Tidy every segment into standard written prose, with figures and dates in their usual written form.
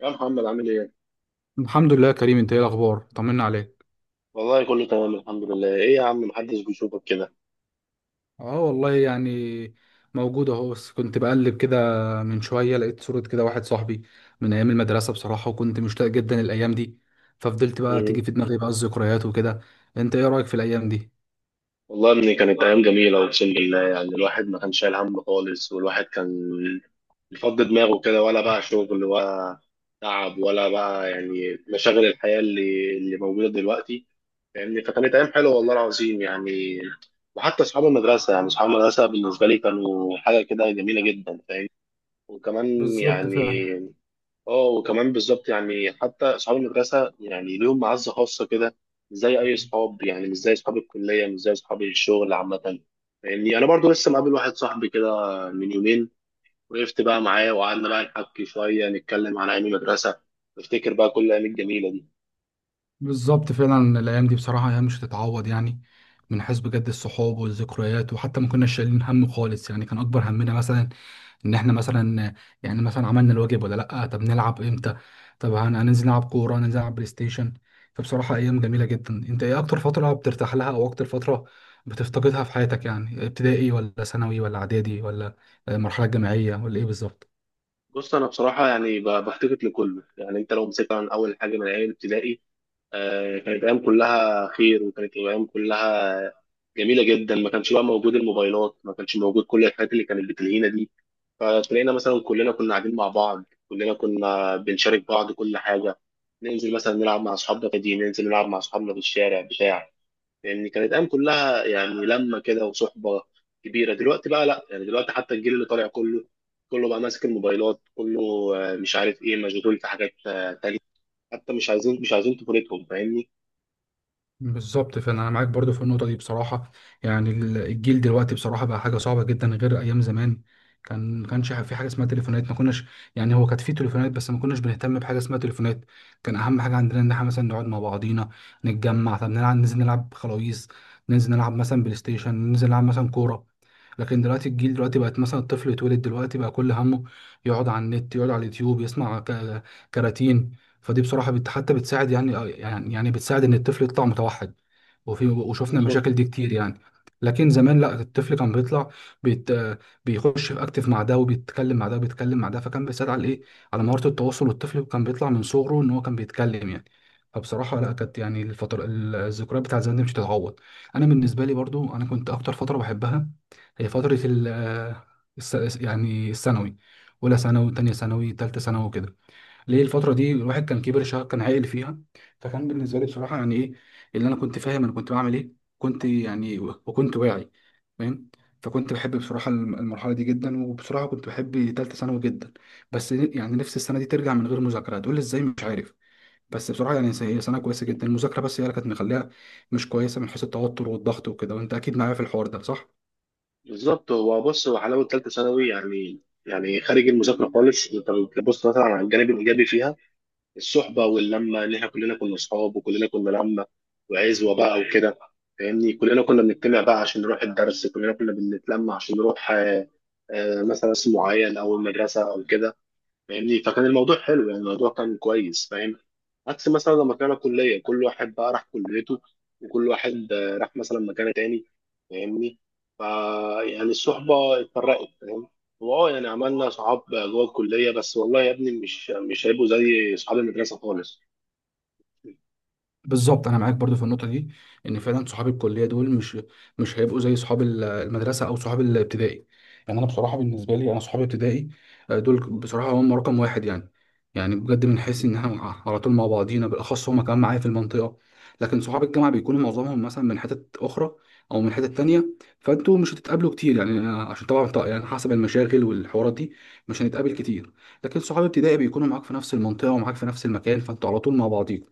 يا محمد عامل ايه؟ الحمد لله يا كريم، انت ايه الاخبار؟ طمنا عليك. والله كله تمام الحمد لله، ايه يا عم محدش بيشوفك كده؟ اه والله يعني موجود اهو، بس كنت بقلب كده. من شويه لقيت صوره كده واحد صاحبي من ايام المدرسه بصراحه، وكنت مشتاق جدا الايام دي. ففضلت بقى تيجي مم. في دماغي بقى الذكريات وكده. انت ايه رايك في الايام دي؟ والله يا ابني كانت ايام جميلة اقسم بالله يعني الواحد ما كانش شايل هم خالص والواحد كان بيفضي دماغه كده ولا بقى شغل ولا تعب ولا بقى يعني مشاغل الحياة اللي موجودة دلوقتي فاهمني، فكانت ايام حلوة والله العظيم يعني. وحتى اصحاب المدرسة، يعني اصحاب المدرسة بالنسبة لي كانوا حاجة كده جميلة جدا، فاهم؟ وكمان بالظبط يعني فعلا. اه وكمان بالظبط يعني حتى اصحاب المدرسه يعني ليهم معزه خاصه كده، مش زي اي اصحاب، يعني مش زي اصحاب الكليه مش زي اصحاب الشغل عامه. يعني انا برضو لسه مقابل واحد صاحبي كده من يومين، وقفت بقى معاه وقعدنا بقى نحكي شويه نتكلم عن ايام المدرسه، نفتكر بقى كل الايام الجميله دي. بالظبط فعلا، الايام دي بصراحه ايام مش هتتعوض يعني. من حيث بجد الصحاب والذكريات، وحتى ما كنا شايلين هم خالص يعني. كان اكبر همنا مثلا ان احنا مثلا يعني مثلا عملنا الواجب ولا لا، طب نلعب امتى، طب هننزل نلعب كوره، هننزل نلعب بلاي ستيشن. فبصراحه ايام جميله جدا. انت ايه اكتر فتره بترتاح لها، او اكتر فتره بتفتقدها في حياتك؟ يعني ابتدائي ولا ثانوي ولا اعدادي ولا مرحله جامعيه ولا ايه بالظبط؟ بص انا بصراحه يعني بفتقد لكله. يعني انت لو مسكت عن اول حاجه من ايام ابتدائي، كانت ايام كلها خير وكانت ايام كلها جميله جدا، ما كانش بقى موجود الموبايلات ما كانش موجود كل الحاجات اللي كانت بتلهينا دي، فتلاقينا مثلا كلنا كنا قاعدين مع بعض كلنا كنا بنشارك بعض كل حاجه. ننزل مثلا نلعب مع اصحابنا في دي، ننزل نلعب مع اصحابنا في الشارع بتاع، يعني كانت ايام كلها يعني لمه كده وصحبه كبيره. دلوقتي بقى لا، يعني دلوقتي حتى الجيل اللي طالع كله، كله بقى ماسك الموبايلات، كله مش عارف ايه، مشغول في حاجات تانية، حتى مش عايزين طفولتهم فاهمني. بالظبط، فانا معاك برضو في النقطه دي بصراحه. يعني الجيل دلوقتي بصراحه بقى حاجه صعبه جدا غير ايام زمان. ما كانش في حاجه اسمها تليفونات، ما كناش، يعني هو كانت في تليفونات بس ما كناش بنهتم بحاجه اسمها تليفونات. كان اهم حاجه عندنا ان احنا مثلا نقعد مع بعضينا، نتجمع، طب نلعب، ننزل نلعب خلاويص، ننزل نلعب مثلا بلاي ستيشن، ننزل نلعب مثلا كوره. لكن دلوقتي الجيل دلوقتي بقت مثلا الطفل يتولد دلوقتي بقى كل همه يقعد على النت، يقعد على اليوتيوب، يسمع كراتين. فدي بصراحه حتى بتساعد يعني بتساعد ان الطفل يطلع متوحد. وفي وشفنا بالظبط، المشاكل دي كتير يعني. لكن زمان لا، الطفل كان بيطلع بيت بيخش في اكتف مع ده، وبيتكلم مع ده، وبيتكلم مع ده، فكان بيساعد على ايه، على مهاره التواصل. والطفل كان بيطلع من صغره ان هو كان بيتكلم يعني. فبصراحه لا، كانت يعني الفتره الذكريات بتاعت زمان دي مش هتتعوض. انا بالنسبه لي برضو، انا كنت اكتر فتره بحبها هي فتره يعني الثانوي. اولى ثانوي، تانية ثانوي، تالتة ثانوي وكده. ليه الفترة دي؟ الواحد كان كبر شوية، كان عاقل فيها. فكان بالنسبة لي بصراحة يعني إيه اللي أنا كنت فاهم أنا كنت بعمل إيه، كنت يعني، وكنت واعي، فاهم. فكنت بحب بصراحة المرحلة دي جدا. وبصراحة كنت بحب تالتة ثانوي جدا. بس يعني نفس السنة دي ترجع من غير مذاكرة هتقول لي إزاي، مش عارف. بس بصراحة يعني هي سنة كويسة جدا، المذاكرة بس هي اللي كانت مخليها مش كويسة، من حيث التوتر والضغط وكده. وأنت أكيد معايا في الحوار ده، صح؟ بالظبط هو بص هو حلاوه ثالثه ثانوي يعني، يعني خارج المذاكره خالص، انت بتبص مثلا على الجانب الايجابي فيها، الصحبه واللمه ان احنا كلنا كنا اصحاب وكلنا كنا لمه وعزوه بقى وكده. فاهمني، كلنا كنا بنجتمع بقى عشان نروح الدرس، كلنا كنا بنتلمع عشان نروح مثلا اسم معين او المدرسه او كده فاهمني، فكان الموضوع حلو يعني الموضوع كان كويس فاهم. عكس مثلا لما كان كلية كل واحد بقى راح كليته، وكل واحد راح مثلا مكان تاني فاهمني، فا يعني الصحبة اتفرقت فاهم. واه يعني عملنا صحاب جوه الكلية، بس والله يا ابني مش هيبقوا زي صحاب المدرسة خالص. بالظبط انا معاك برضو في النقطه دي. ان فعلا صحاب الكليه دول مش هيبقوا زي صحاب المدرسه او صحاب الابتدائي. يعني انا بصراحه بالنسبه لي، انا صحابي ابتدائي دول بصراحه هم رقم واحد يعني. يعني بجد بنحس ان احنا على طول مع بعضينا، بالاخص هم كمان معايا في المنطقه. لكن صحاب الجامعه بيكونوا معظمهم مثلا من حتت اخرى او من حتت تانية. فانتوا مش هتتقابلوا كتير يعني، عشان طبعاً يعني حسب المشاغل والحوارات دي مش هنتقابل كتير. لكن صحاب ابتدائي بيكونوا معاك في نفس المنطقه ومعاك في نفس المكان، فانتوا على طول مع بعضيكم.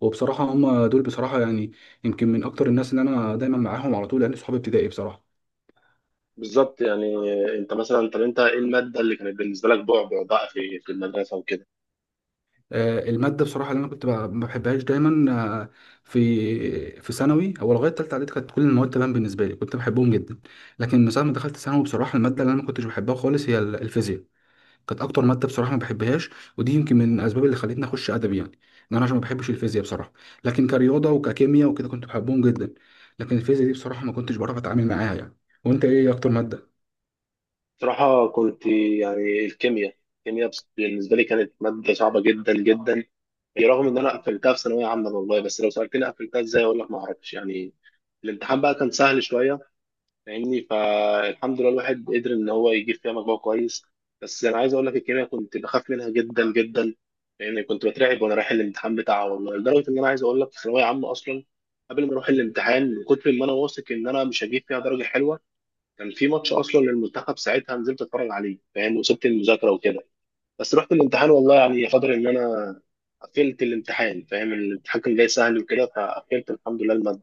وبصراحة هم دول بصراحة يعني يمكن من أكتر الناس اللي أنا دايما معاهم على طول، لأن صحابي ابتدائي بصراحة. بالظبط يعني انت مثلا، طب انت ايه المادة اللي كانت بالنسبة لك بعبع بقى في المدرسة وكده؟ المادة بصراحة اللي أنا كنت ما بحبهاش دايما، آه، في في ثانوي أو لغاية تالتة إعدادي كانت كل المواد تمام بالنسبة لي، كنت بحبهم جدا. لكن من ساعة ما دخلت ثانوي بصراحة المادة اللي أنا ما كنتش بحبها خالص هي الفيزياء. كانت أكتر مادة بصراحة ما بحبهاش. ودي يمكن من الأسباب اللي خلتني أخش أدبي يعني، إن أنا عشان ما بحبش الفيزياء بصراحة. لكن كرياضة وككيمياء وكده كنت بحبهم جدا. لكن الفيزياء دي بصراحة ما كنتش بعرف أتعامل معاها يعني. وأنت إيه أكتر مادة؟ صراحة كنت يعني الكيمياء بالنسبة لي كانت مادة صعبة جدا جدا، رغم إن أنا قفلتها في ثانوية عامة والله، بس لو سألتني قفلتها إزاي أقول لك ما أعرفش يعني. الامتحان بقى كان سهل شوية فاهمني، فالحمد لله الواحد قدر إن هو يجيب فيها مجموع كويس. بس أنا عايز أقول لك الكيمياء كنت بخاف منها جدا جدا، لأن كنت بترعب وأنا رايح الامتحان بتاعها والله، لدرجة إن أنا عايز أقول لك في ثانوية عامة أصلا قبل ما أروح الامتحان من كتر ما أنا واثق إن أنا مش هجيب فيها درجة حلوة، كان في ماتش اصلا للمنتخب ساعتها نزلت اتفرج عليه فاهم، وسبت المذاكره وكده. بس رحت الامتحان والله يعني قدر ان انا قفلت الامتحان فاهم، الامتحان كان جاي سهل وكده فقفلت الحمد لله الماده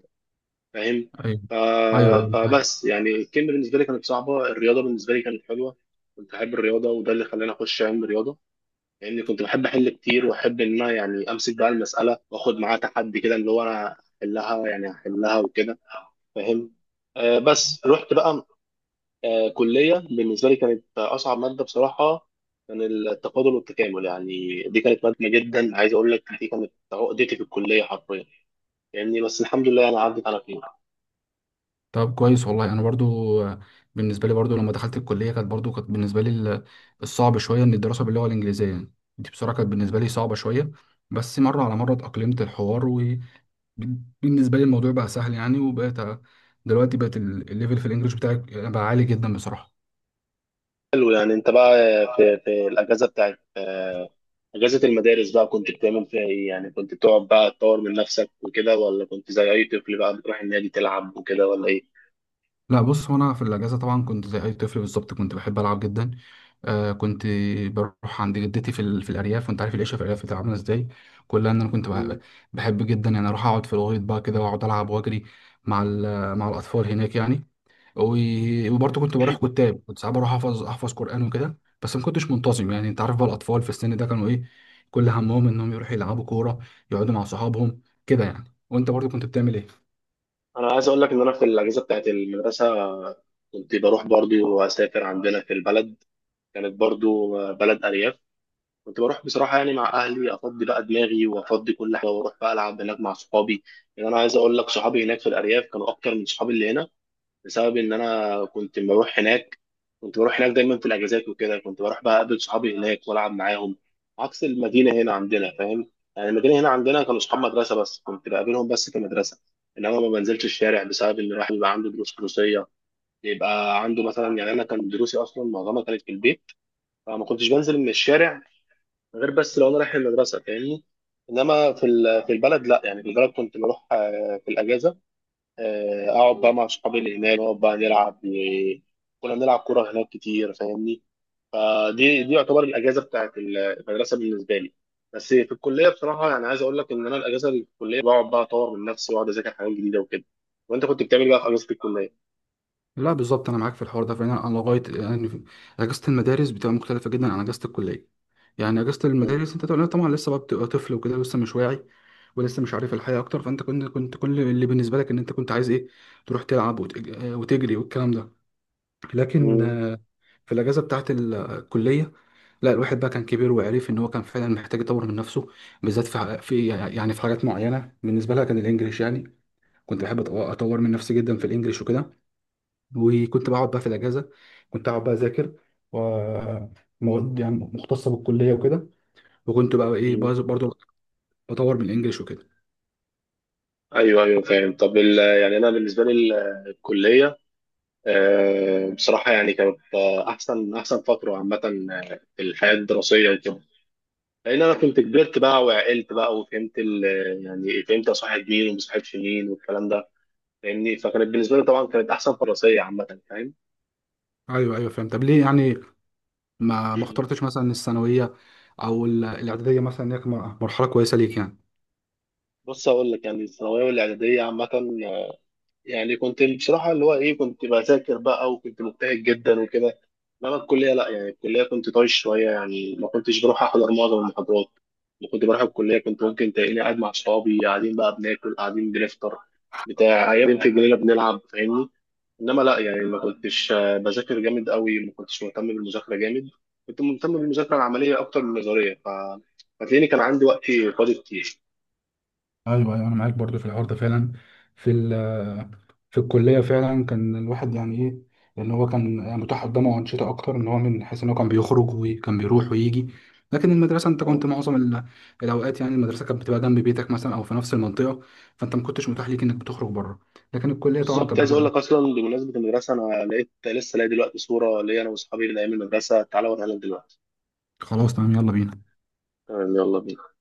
فاهم. ايوه ف... ايوه ايوه فاهم. فبس يعني الكيمياء بالنسبه لي كانت صعبه، الرياضه بالنسبه لي كانت حلوه، كنت احب الرياضه وده اللي خلاني اخش علم الرياضه، لان يعني كنت بحب احل كتير واحب ان انا يعني امسك بقى المساله واخد معاها تحدي كده اللي هو انا احلها يعني احلها وكده فاهم. آه بس رحت بقى كلية، بالنسبة لي كانت أصعب مادة بصراحة كان التفاضل والتكامل، يعني دي كانت مادة جدا، عايز أقول لك دي كانت عقدتي في الكلية حرفيا يعني، بس الحمد لله أنا عدت على خير. طب كويس والله. انا برضو بالنسبه لي برضو لما دخلت الكليه كانت برضو، كانت بالنسبه لي الصعب شويه ان الدراسه باللغه الانجليزيه يعني. دي بصراحه كانت بالنسبه لي صعبه شويه، بس مره على مره اتاقلمت الحوار. وبالنسبه لي الموضوع بقى سهل يعني. وبقيت دلوقتي بقت الليفل في الانجليش بتاعي بقى عالي جدا بصراحه. حلو، يعني أنت بقى في الأجازة بتاعت أجازة المدارس بقى كنت بتعمل فيها إيه؟ يعني كنت بتقعد بقى تطور من نفسك وكده، ولا كنت زي أي طفل بقى بتروح النادي تلعب وكده، ولا إيه؟ لا بص، هو انا في الاجازه طبعا كنت زي اي طفل بالظبط، كنت بحب العب جدا. كنت بروح عند جدتي في الارياف. وانت عارف العيشه في الارياف بتبقى عامله ازاي. كلها ان انا كنت مم. بحب جدا يعني اروح اقعد في الغيط بقى كده، واقعد العب واجري مع ال... مع الاطفال هناك يعني. و... وبرضه كنت بروح كتاب، كنت ساعات بروح احفظ قران وكده، بس ما كنتش منتظم يعني. انت عارف بقى الاطفال في السن ده كانوا ايه، كل همهم انهم يروحوا يلعبوا كوره، يقعدوا مع صحابهم كده يعني. وانت برضه كنت بتعمل ايه؟ أنا عايز أقول لك إن أنا في الأجازة بتاعت المدرسة كنت بروح برضو وأسافر عندنا في البلد، كانت برضو بلد أرياف، كنت بروح بصراحة يعني مع أهلي أفضي بقى دماغي وأفضي كل حاجة وأروح بقى ألعب هناك مع صحابي. يعني أنا عايز أقول لك صحابي هناك في الأرياف كانوا أكتر من صحابي اللي هنا، بسبب إن أنا كنت بروح هناك، كنت بروح هناك دايما في الأجازات وكده، كنت بروح بقى أقابل صحابي هناك وألعب معاهم عكس المدينة هنا عندنا فاهم. يعني المدينة هنا عندنا كانوا صحاب مدرسة بس، كنت بقابلهم بس في المدرسة، إنما ما بنزلش الشارع بسبب إن الواحد بيبقى عنده دروس دروسية، يبقى عنده مثلا، يعني أنا كان دروسي أصلا معظمها كانت في البيت، فما كنتش بنزل من الشارع غير بس لو انا رايح المدرسه فاهمني. انما في البلد لا، يعني في البلد كنت بروح في الاجازه، اقعد بقى مع اصحابي اللي هناك، نقعد بقى نلعب كنا بنلعب كوره هناك كتير فاهمني، فدي يعتبر الاجازه بتاعت المدرسه بالنسبه لي. بس في الكليه بصراحه يعني عايز اقول لك ان انا الاجازه اللي في الكليه بقعد بقى اطور من نفسي واقعد اذاكر حاجات جديده وكده. وانت كنت بتعمل إيه بقى في اجازه الكليه؟ لا بالظبط، انا معاك في الحوار ده فعلا. انا لغايه يعني اجازه المدارس بتبقى مختلفه جدا عن اجازه الكليه. يعني اجازه مم. المدارس انت طبعاً لسه بقى بتبقى طفل وكده، لسه مش واعي، ولسه مش عارف الحياه اكتر. فانت كنت كل اللي بالنسبه لك ان انت كنت عايز ايه تروح تلعب، وتجري والكلام ده. لكن مم. في الاجازه بتاعه الكليه لا، الواحد بقى كان كبير وعرف ان هو كان فعلا محتاج يطور من نفسه. بالذات في حاجات معينه بالنسبه لها كان الانجليش يعني. كنت بحب اطور من نفسي جدا في الانجليش وكده. وكنت بقعد بقى في الاجازه، كنت اقعد بقى اذاكر ومواد يعني مختصه بالكليه وكده. وكنت بقى ايه مم. برضو بطور من الانجليش وكده. ايوه ايوه فاهم. طب يعني انا بالنسبه لي الكليه بصراحة يعني كانت أحسن فترة عامة في الحياة الدراسية وكده، لأن أنا كنت كبرت بقى وعقلت بقى وفهمت يعني فهمت أصاحب مين وما أصاحبش مين والكلام ده فاهمني، فكانت بالنسبة لي طبعا كانت أحسن فترة دراسية عامة فاهم. ايوه ايوه فهمت. طب ليه يعني ما اخترتش مثلا الثانويه او الاعداديه مثلا، إن هي كانت مرحله كويسه ليك يعني؟ بص أقول لك، يعني الثانوية والإعدادية عامة يعني كنت بصراحة اللي هو إيه، كنت بذاكر بقى وكنت مجتهد جدا وكده. إنما الكلية لأ، يعني الكلية كنت طايش شوية يعني ما كنتش بروح أحضر معظم المحاضرات، ما كنت بروح الكلية، كنت ممكن تلاقيني قاعد مع أصحابي قاعدين بقى بناكل قاعدين بنفطر بتاع قاعدين في الجنينة بنلعب فاهمني. إنما لأ يعني ما كنتش بذاكر جامد قوي، ما كنتش مهتم بالمذاكرة جامد، كنت مهتم بالمذاكرة العملية أكتر من النظرية، فتلاقيني كان عندي وقت فاضي كتير. ايوه ايوه، انا معاك برضو في الحوار ده فعلا. في في الكليه فعلا كان الواحد يعني ايه، لان هو كان يعني متاح قدامه انشطه اكتر، ان هو من حيث ان هو كان بيخرج وكان بيروح ويجي. لكن المدرسه انت كنت معظم الاوقات، يعني المدرسه كانت بتبقى جنب بيتك مثلا او في نفس المنطقه، فانت ما كنتش متاح ليك انك بتخرج بره. لكن الكليه طبعا بالظبط، كانت عايز اقول لك بتبقى. اصلا بمناسبه المدرسه انا لقيت لسه لاقي دلوقتي صوره ليا انا واصحابي من ايام المدرسه، تعالى اوريها لك دلوقتي. خلاص تمام، يلا بينا. تمام يلا بينا.